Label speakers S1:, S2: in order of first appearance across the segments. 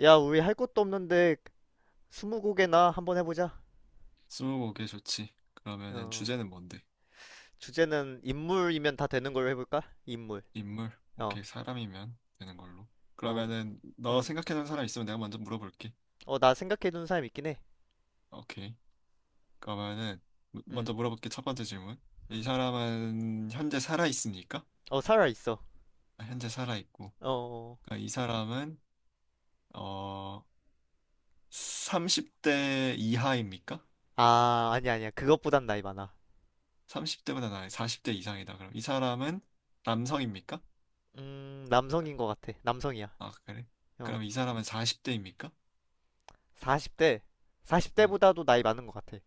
S1: 야, 우리 할 것도 없는데 스무고개나 한번 해보자.
S2: 스무고개 좋지. 그러면은
S1: 어,
S2: 주제는 뭔데?
S1: 주제는 인물이면 다 되는 걸로 해볼까? 인물.
S2: 인물?
S1: 어,
S2: 오케이, 사람이면 되는 걸로.
S1: 어,
S2: 그러면은 너
S1: 음.
S2: 생각해놓은 사람 있으면 내가 먼저 물어볼게.
S1: 어, 나 생각해둔 사람 있긴 해.
S2: 오케이. 그러면은
S1: 음,
S2: 먼저 물어볼게. 첫 번째 질문. 이
S1: 음.
S2: 사람은 현재 살아 있습니까?
S1: 어, 살아 있어.
S2: 아, 현재 살아 있고.
S1: 어, 어.
S2: 그러니까 이 사람은 어 30대 이하입니까?
S1: 아, 아니야, 아니야. 그것보단 나이 많아.
S2: 30대보다 나이 40대 이상이다. 그럼 이 사람은 남성입니까?
S1: 남성인 것 같아. 남성이야.
S2: 아, 그래.
S1: 어,
S2: 그럼 이 사람은 40대입니까?
S1: 40대.
S2: 음.
S1: 40대보다도 나이 많은 것 같아.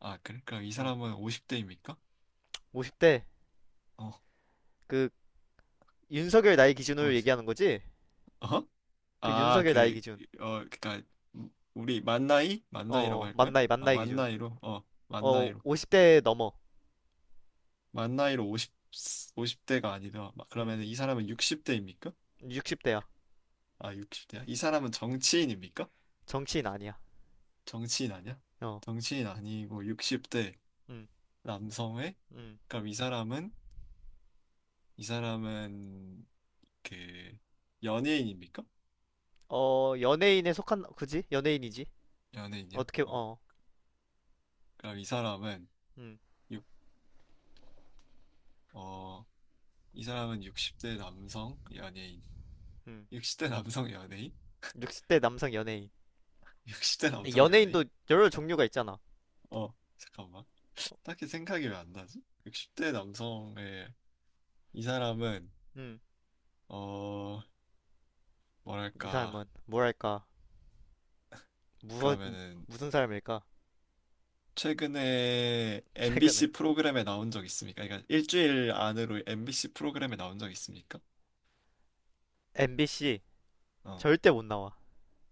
S2: 아, 그래? 그럼 이
S1: 어,
S2: 사람은 50대입니까?
S1: 50대.
S2: 어,
S1: 그 윤석열 나이
S2: 어,
S1: 기준으로 얘기하는 거지?
S2: 어
S1: 그
S2: 아,
S1: 윤석열 나이
S2: 그,
S1: 기준.
S2: 어, 그니까, 우리 만나이? 만나이라고
S1: 어, 어,
S2: 할
S1: 만
S2: 거야?
S1: 나이, 만
S2: 아,
S1: 나이 기준.
S2: 만나이로? 어,
S1: 어,
S2: 만나이로.
S1: 50대 넘어.
S2: 만나이로 50, 오십 대가 아니라,
S1: 음.
S2: 그러면 이 사람은 60대입니까?
S1: 60대야.
S2: 아, 60대야? 이 사람은 정치인입니까?
S1: 정치인 아니야.
S2: 정치인 아니야?
S1: 어,
S2: 정치인 아니고 60대
S1: 음,
S2: 남성의?
S1: 음.
S2: 그럼 이 사람은, 그, 연예인입니까?
S1: 어, 연예인에 속한, 그지? 연예인이지.
S2: 연예인이야?
S1: 어떻게,
S2: 어.
S1: 어,
S2: 그럼
S1: 음,
S2: 육, 어, 이 사람은 60대 남성 연예인.
S1: 음.
S2: 60대 남성 연예인?
S1: 60대 남성 연예인.
S2: 60대 남성
S1: 연예인도
S2: 연예인?
S1: 여러
S2: 어,
S1: 종류가 있잖아.
S2: 어, 잠깐만. 딱히 생각이 왜 안 나지? 60대 남성의 이 사람은
S1: 음,
S2: 어,
S1: 이
S2: 뭐랄까?
S1: 사람은, 뭐랄까, 무서,
S2: 그러면은
S1: 무슨 사람일까?
S2: 최근에
S1: 최근에.
S2: MBC 프로그램에 나온 적 있습니까? 그러니까 일주일 안으로 MBC 프로그램에 나온 적 있습니까?
S1: MBC,
S2: 어.
S1: 절대 못 나와.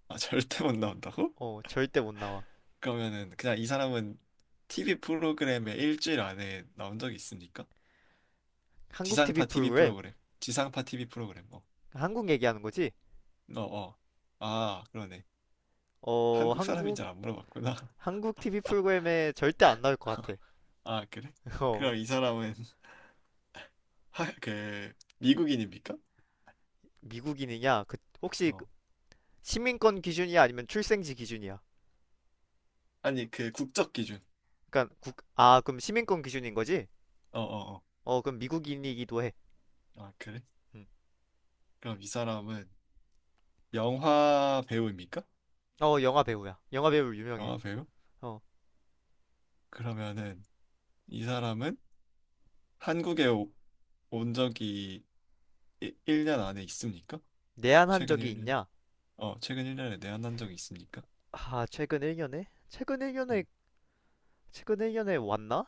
S2: 아, 절대 못 나온다고?
S1: 어, 절대 못 나와.
S2: 그러면은 그냥 이 사람은 TV 프로그램에 일주일 안에 나온 적이 있습니까?
S1: 한국 TV
S2: 지상파 TV
S1: 프로그램,
S2: 프로그램. 지상파 TV 프로그램. 어,
S1: 한국 얘기하는 거지?
S2: 어, 어. 아, 그러네.
S1: 어,
S2: 한국 사람인
S1: 한국,
S2: 줄 안 물어봤구나.
S1: 한국 TV 프로그램에 절대 안 나올 것 같아.
S2: 아, 그래?
S1: 어,
S2: 그럼 이 사람은 하, 그 미국인입니까?
S1: 미국인이냐? 그, 혹시
S2: 어.
S1: 시민권 기준이야 아니면 출생지 기준이야?
S2: 아니, 그 국적 기준.
S1: 아, 그럼 시민권 기준인 거지?
S2: 어, 어, 어.
S1: 어, 그럼 미국인이기도 해.
S2: 아, 그래?
S1: 응.
S2: 그럼 이 사람은 영화 배우입니까?
S1: 어, 영화 배우야. 영화 배우 유명해.
S2: 영화 배우?
S1: 어,
S2: 그러면은 이 사람은 한국에 온 적이 1년 안에 있습니까?
S1: 내한한
S2: 최근
S1: 적이
S2: 1년?
S1: 있냐?
S2: 어, 최근 1년에 내한한 적이 있습니까?
S1: 아, 최근 1년에?
S2: 음.
S1: 최근 1년에 왔나?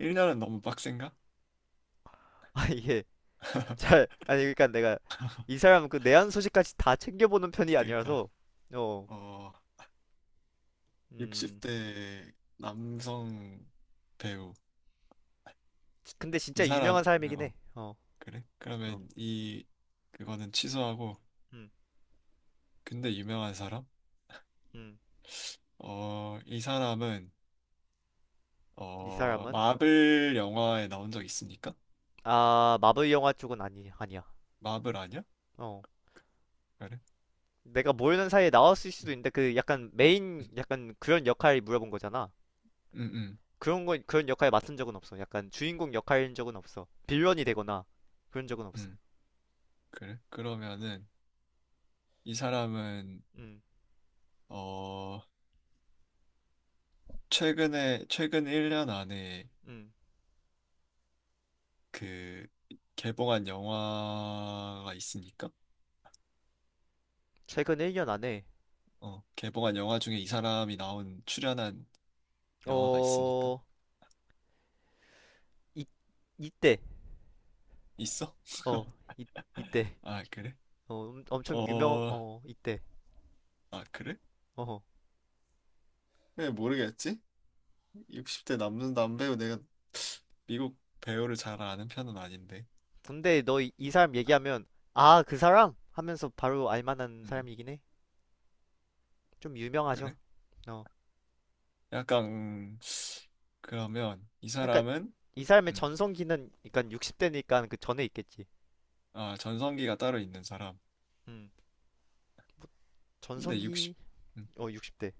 S2: 1년은 너무 빡센가?
S1: 아, 이게 잘 아니 그러니까 내가 이 사람 그 내한 소식까지 다 챙겨보는 편이
S2: 그러니까
S1: 아니라서 어,
S2: 어,
S1: 음,
S2: 60대 남성 배우.
S1: 근데
S2: 이
S1: 진짜
S2: 사람,
S1: 유명한 사람이긴 해. 어,
S2: 그래?
S1: 어,
S2: 그러면 그거는 취소하고,
S1: 음,
S2: 근데 유명한 사람?
S1: 음,
S2: 어, 이 사람은,
S1: 이 사람은
S2: 마블 영화에 나온 적 있습니까?
S1: 아 마블 영화 쪽은 아니 아니야.
S2: 마블 아니야?
S1: 어.
S2: 그래?
S1: 내가 모르는 사이에 나왔을 수도
S2: 음,
S1: 있는데 그 약간 메인 약간 그런 역할을 물어본 거잖아.
S2: 음, 음,
S1: 그런 거 그런 역할 에 맡은 적은 없어. 약간 주인공 역할인 적은 없어. 빌런이 되거나 그런 적은 없어.
S2: 음, 그래? 그러면은, 이 사람은,
S1: 음,
S2: 어, 최근 1년 안에
S1: 음.
S2: 그, 개봉한 영화가 있습니까?
S1: 최근 1년 안에
S2: 어, 개봉한 영화 중에 이 사람이 나온 출연한 영화가 있으니까.
S1: 어 이, 이때
S2: 있어?
S1: 어 이, 이때
S2: 아, 그래?
S1: 어 엄청 유명
S2: 어,
S1: 어 이때
S2: 아, 그래?
S1: 어 어.
S2: 왜 모르겠지? 60대 남는 남배우 내가 미국 배우를 잘 아는 편은 아닌데.
S1: 근데 너 이 사람 얘기하면 아 그 사람 하면서 바로 알 만한
S2: 음,
S1: 사람이긴 해. 좀 유명하죠.
S2: 그래?
S1: 어
S2: 약간 그러면 이
S1: 그러니까
S2: 사람은
S1: 이 사람의
S2: 음,
S1: 전성기는 그러니까 60대니까 그 전에 있겠지.
S2: 아, 전성기가 따로 있는 사람.
S1: 음.
S2: 근데 60
S1: 전성기
S2: 음,
S1: 어 60대.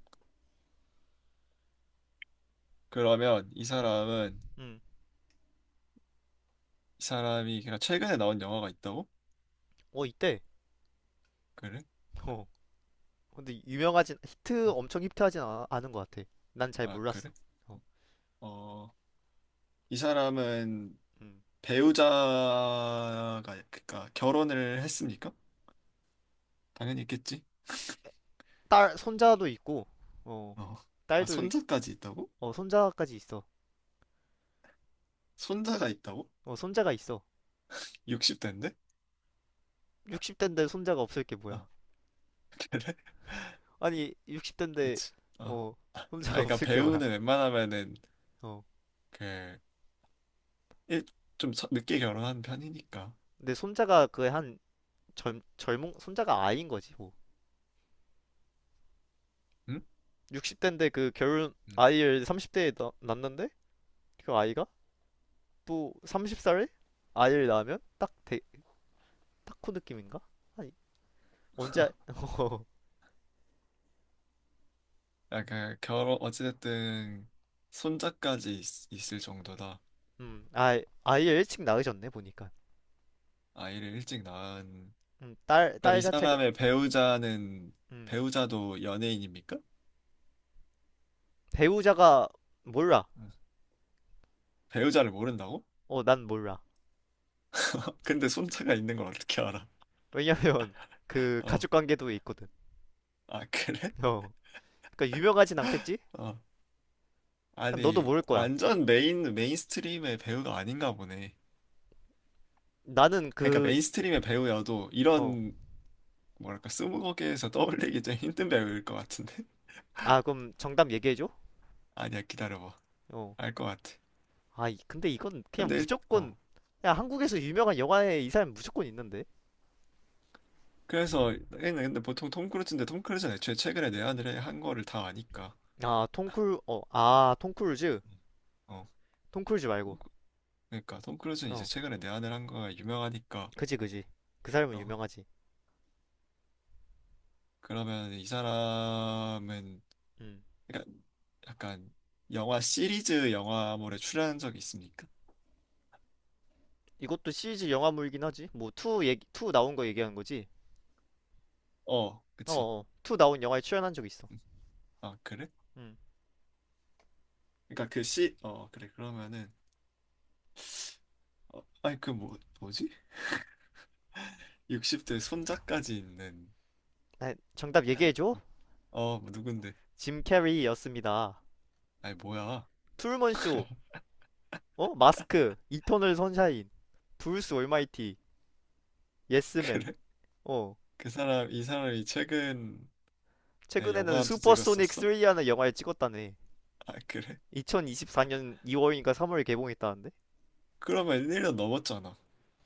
S2: 그러면 이
S1: 음.
S2: 사람은
S1: 음.
S2: 이 사람이 그냥 최근에 나온 영화가 있다고?
S1: 어 이때.
S2: 그래?
S1: 어. 근데 유명하진 히트
S2: 음,
S1: 엄청 히트하진 아, 않은 것 같아. 난 잘
S2: 아,
S1: 몰랐어.
S2: 그래?
S1: 어.
S2: 어, 이 사람은
S1: 음.
S2: 배우자가 그러니까 결혼을 했습니까? 당연히 있겠지.
S1: 딸 손자도 있고 어.
S2: 어. 아,
S1: 딸도 이-
S2: 손자까지 있다고?
S1: 어 손자까지 있어.
S2: 손자가 있다고?
S1: 어 손자가 있어.
S2: 60대인데?
S1: 60대인데 손자가 없을 게 뭐야?
S2: 어, 그래?
S1: 아니 60대인데
S2: 그치. 어. 아,
S1: 어 손자가
S2: 그러니까
S1: 없을 게 뭐야?
S2: 배우는 웬만하면은
S1: 어.
S2: 그 일, 좀 늦게 결혼한 편이니까.
S1: 근데 손자가 그 한 젊 젊은 손자가 아이인 거지 뭐.
S2: 응?
S1: 60대인데 그 결혼
S2: 응.
S1: 아이를 30대에 낳는데 그 아이가 또 30살에 아이를 낳으면 딱그 느낌인가? 아니 언제 아-
S2: 아, 그 결혼 어찌됐든 손자까지 있을 정도다.
S1: 아 아이를 일찍 낳으셨네 보니까
S2: 아이를 일찍 낳은. 그럼 이
S1: 딸 자체가
S2: 사람의 배우자는
S1: 음,
S2: 배우자도 연예인입니까?
S1: 배우자가 몰라
S2: 음. 배우자를 모른다고?
S1: 어 난 몰라
S2: 근데 손자가 있는 걸 어떻게 알아?
S1: 왜냐면 그
S2: 어.
S1: 가족 관계도 있거든
S2: 아, 그래?
S1: 어 그러니까 유명하진 않겠지?
S2: 어.
S1: 너도
S2: 아니,
S1: 모를 거야
S2: 완전 메인스트림의 배우가 아닌가 보네.
S1: 나는
S2: 그러니까
S1: 그
S2: 메인스트림의 배우여도
S1: 어
S2: 이런, 뭐랄까, 스무고개에서 떠올리기 좀 힘든 배우일 것 같은데?
S1: 아 그럼 정답 얘기해줘
S2: 아니야, 기다려봐.
S1: 어
S2: 알 것 같아.
S1: 아, 근데 이건 그냥
S2: 근데,
S1: 무조건
S2: 어.
S1: 야, 한국에서 유명한 영화에 이 사람 무조건 있는데.
S2: 그래서, 얘는 근데 보통 톰 크루즈인데 톰 크루즈는 애초에 최근에 내한을 한 거를 다 아니까.
S1: 아, 톰쿨 어, 아, 톰크루즈.
S2: 어,
S1: 톰크루즈 말고.
S2: 그러니까 톰 크루즈는 이제
S1: 어.
S2: 최근에 내한을 한 거가 유명하니까
S1: 그지 그지. 그 사람은
S2: 어,
S1: 유명하지.
S2: 그러면 이 사람은
S1: 음.
S2: 그러니까 약간 영화 시리즈 영화물에 출연한 적이 있습니까?
S1: 이것도 시리즈 영화물이긴 하지. 뭐 2 얘기 투 나온 거 얘기하는 거지.
S2: 어, 그치.
S1: 어, 어. 2 나온 영화에 출연한 적 있어.
S2: 음. 아, 그래?
S1: 음.
S2: 그러니까 그 시, 어, 그래. 그러면은, 어, 아니, 그 뭐, 뭐지? 60대 손자까지 있는,
S1: 아, 정답 얘기해 줘.
S2: 어, 어, 뭐 누군데?
S1: 짐 캐리였습니다.
S2: 아니, 뭐야.
S1: 트루먼 쇼. 어? 마스크. 이터널 선샤인. 브루스 올마이티. 예스맨.
S2: 그래?
S1: 어.
S2: 그 사람, 이 사람이 최근에
S1: 최근에는
S2: 영화도
S1: 슈퍼소닉
S2: 찍었었어?
S1: 3라는 영화를 찍었다네.
S2: 아, 그래?
S1: 2024년 2월인가 3월에 개봉했다는데?
S2: 그러면 1년 넘었잖아.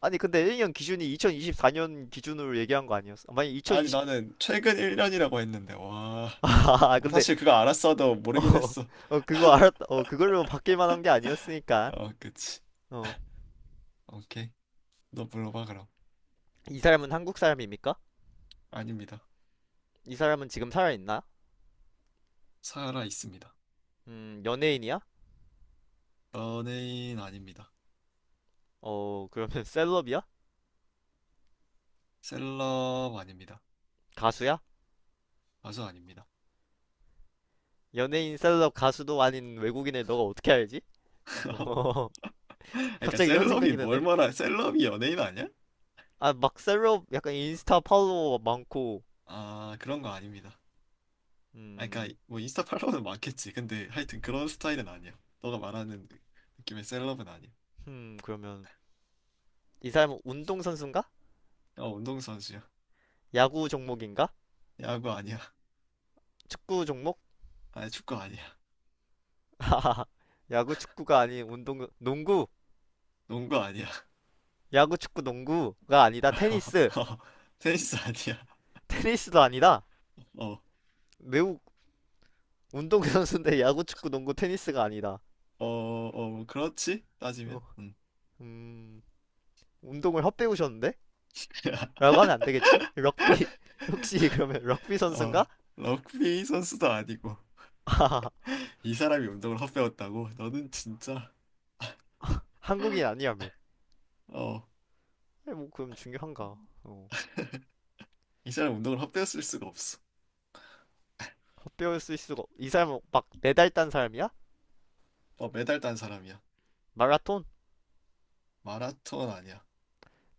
S1: 아니 근데 일년 기준이 2024년 기준으로 얘기한 거 아니었어? 만약
S2: 아니,
S1: 2020
S2: 나는 최근 1년이라고 했는데, 와.
S1: 아
S2: 뭐
S1: 근데
S2: 사실 그거 알았어도
S1: 어,
S2: 모르긴 했어.
S1: 어 그거 알았다 어 그걸로 바뀔 만한 게 아니었으니까
S2: 어, 그치.
S1: 어
S2: 오케이. 너 물어봐, 그럼.
S1: 이 사람은 한국 사람입니까?
S2: 아닙니다.
S1: 이 사람은 지금 살아있나?
S2: 살아 있습니다.
S1: 연예인이야?
S2: 연예인 아닙니다.
S1: 어 그러면 셀럽이야?
S2: 셀럽 아닙니다.
S1: 가수야?
S2: 가수 아닙니다.
S1: 연예인 셀럽 가수도 아닌 외국인을 너가 어떻게 알지? 어
S2: 그러니까
S1: 갑자기 이런
S2: 셀럽이
S1: 생각이 드네?
S2: 뭘 말하? 셀럽이 연예인 아니야?
S1: 아 막 셀럽 약간 인스타 팔로워 많고
S2: 아 그런 거 아닙니다. 아
S1: 음
S2: 그러니까 뭐 인스타 팔로우는 많겠지. 근데 하여튼 그런 스타일은 아니야. 너가 말하는 느낌의 셀럽은 아니야.
S1: 그러면 이 사람은 운동 선수인가?
S2: 어 운동선수야.
S1: 야구 종목인가?
S2: 야구 아니야.
S1: 축구 종목?
S2: 아니 축구 아니야.
S1: 야구 축구가 아닌 운동 농구.
S2: 농구 아니야.
S1: 야구 축구 농구가 아니다. 테니스.
S2: 어, 테니스 아니야.
S1: 테니스도 아니다.
S2: 어.
S1: 매우 운동 선수인데 야구 축구 농구 테니스가 아니다.
S2: 어, 어, 뭐 그렇지?
S1: 어,
S2: 따지면?
S1: 음, 운동을 헛배우셨는데?
S2: 음.
S1: 라고 하면 안 되겠지? 럭비 혹시 그러면 럭비
S2: 어,
S1: 선수인가?
S2: 럭비 선수도 아니고, 이 사람이 운동을 헛배웠다고? 너는 진짜
S1: 한국인 아니야매.
S2: 어,
S1: 뭐 그럼 중요한가? 어,
S2: 이 사람 운동을 헛배웠을 수가 없어.
S1: 헛배울 수 있을 수가 이 사람은 막 메달 딴 사람이야?
S2: 어, 메달 딴 사람이야.
S1: 마라톤?
S2: 마라톤 아니야.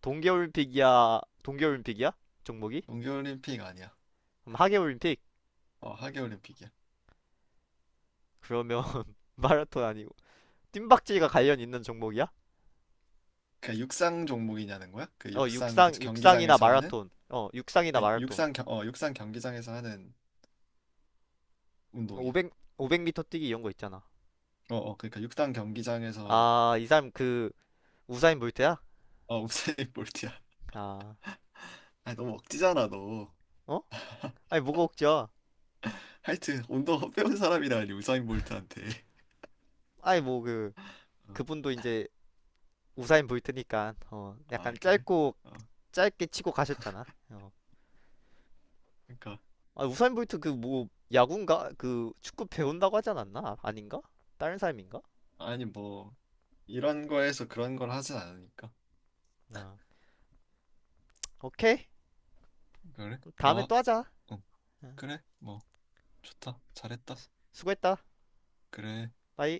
S1: 동계올림픽이야? 종목이?
S2: 동계올림픽 아니야.
S1: 그럼 하계올림픽?
S2: 어, 하계올림픽이야.
S1: 그러면 마라톤 아니고 뜀박질과 관련 있는 종목이야?
S2: 그 육상 종목이냐는 거야? 그
S1: 어
S2: 육상 그
S1: 육상이나
S2: 경기장에서 하는 그
S1: 마라톤
S2: 육상 육상 경기장에서 하는 운동이야.
S1: 500 500m 뛰기 이런 거 있잖아
S2: 어, 어, 그러니까 육상 경기장에서
S1: 아 이 사람 그 우사인 볼트야?
S2: 어, 우사인 볼트야.
S1: 아
S2: 아, 너무 억지잖아, 너.
S1: 어? 아니 뭐가 웃겨
S2: 하여튼 운동 헛배운 사람이라니 우사인 볼트한테.
S1: 아니 뭐
S2: 어,
S1: 그분도 이제 우사인 볼트니까 어
S2: 아,
S1: 약간
S2: 그래?
S1: 짧고
S2: 어,
S1: 짧게 치고 가셨잖아 어
S2: 그러니까.
S1: 아, 우사인 볼트 그 뭐 야구인가? 그 축구 배운다고 하지 않았나? 아, 아닌가? 다른 사람인가?
S2: 아니 뭐 이런 거에서 그런 걸 하진 않으니까.
S1: 아. 오케이.
S2: 그래?
S1: 다음에
S2: 뭐?
S1: 또 하자.
S2: 응.
S1: 응.
S2: 그래? 뭐 좋다. 잘했다.
S1: 수고했다.
S2: 그래.
S1: 바이.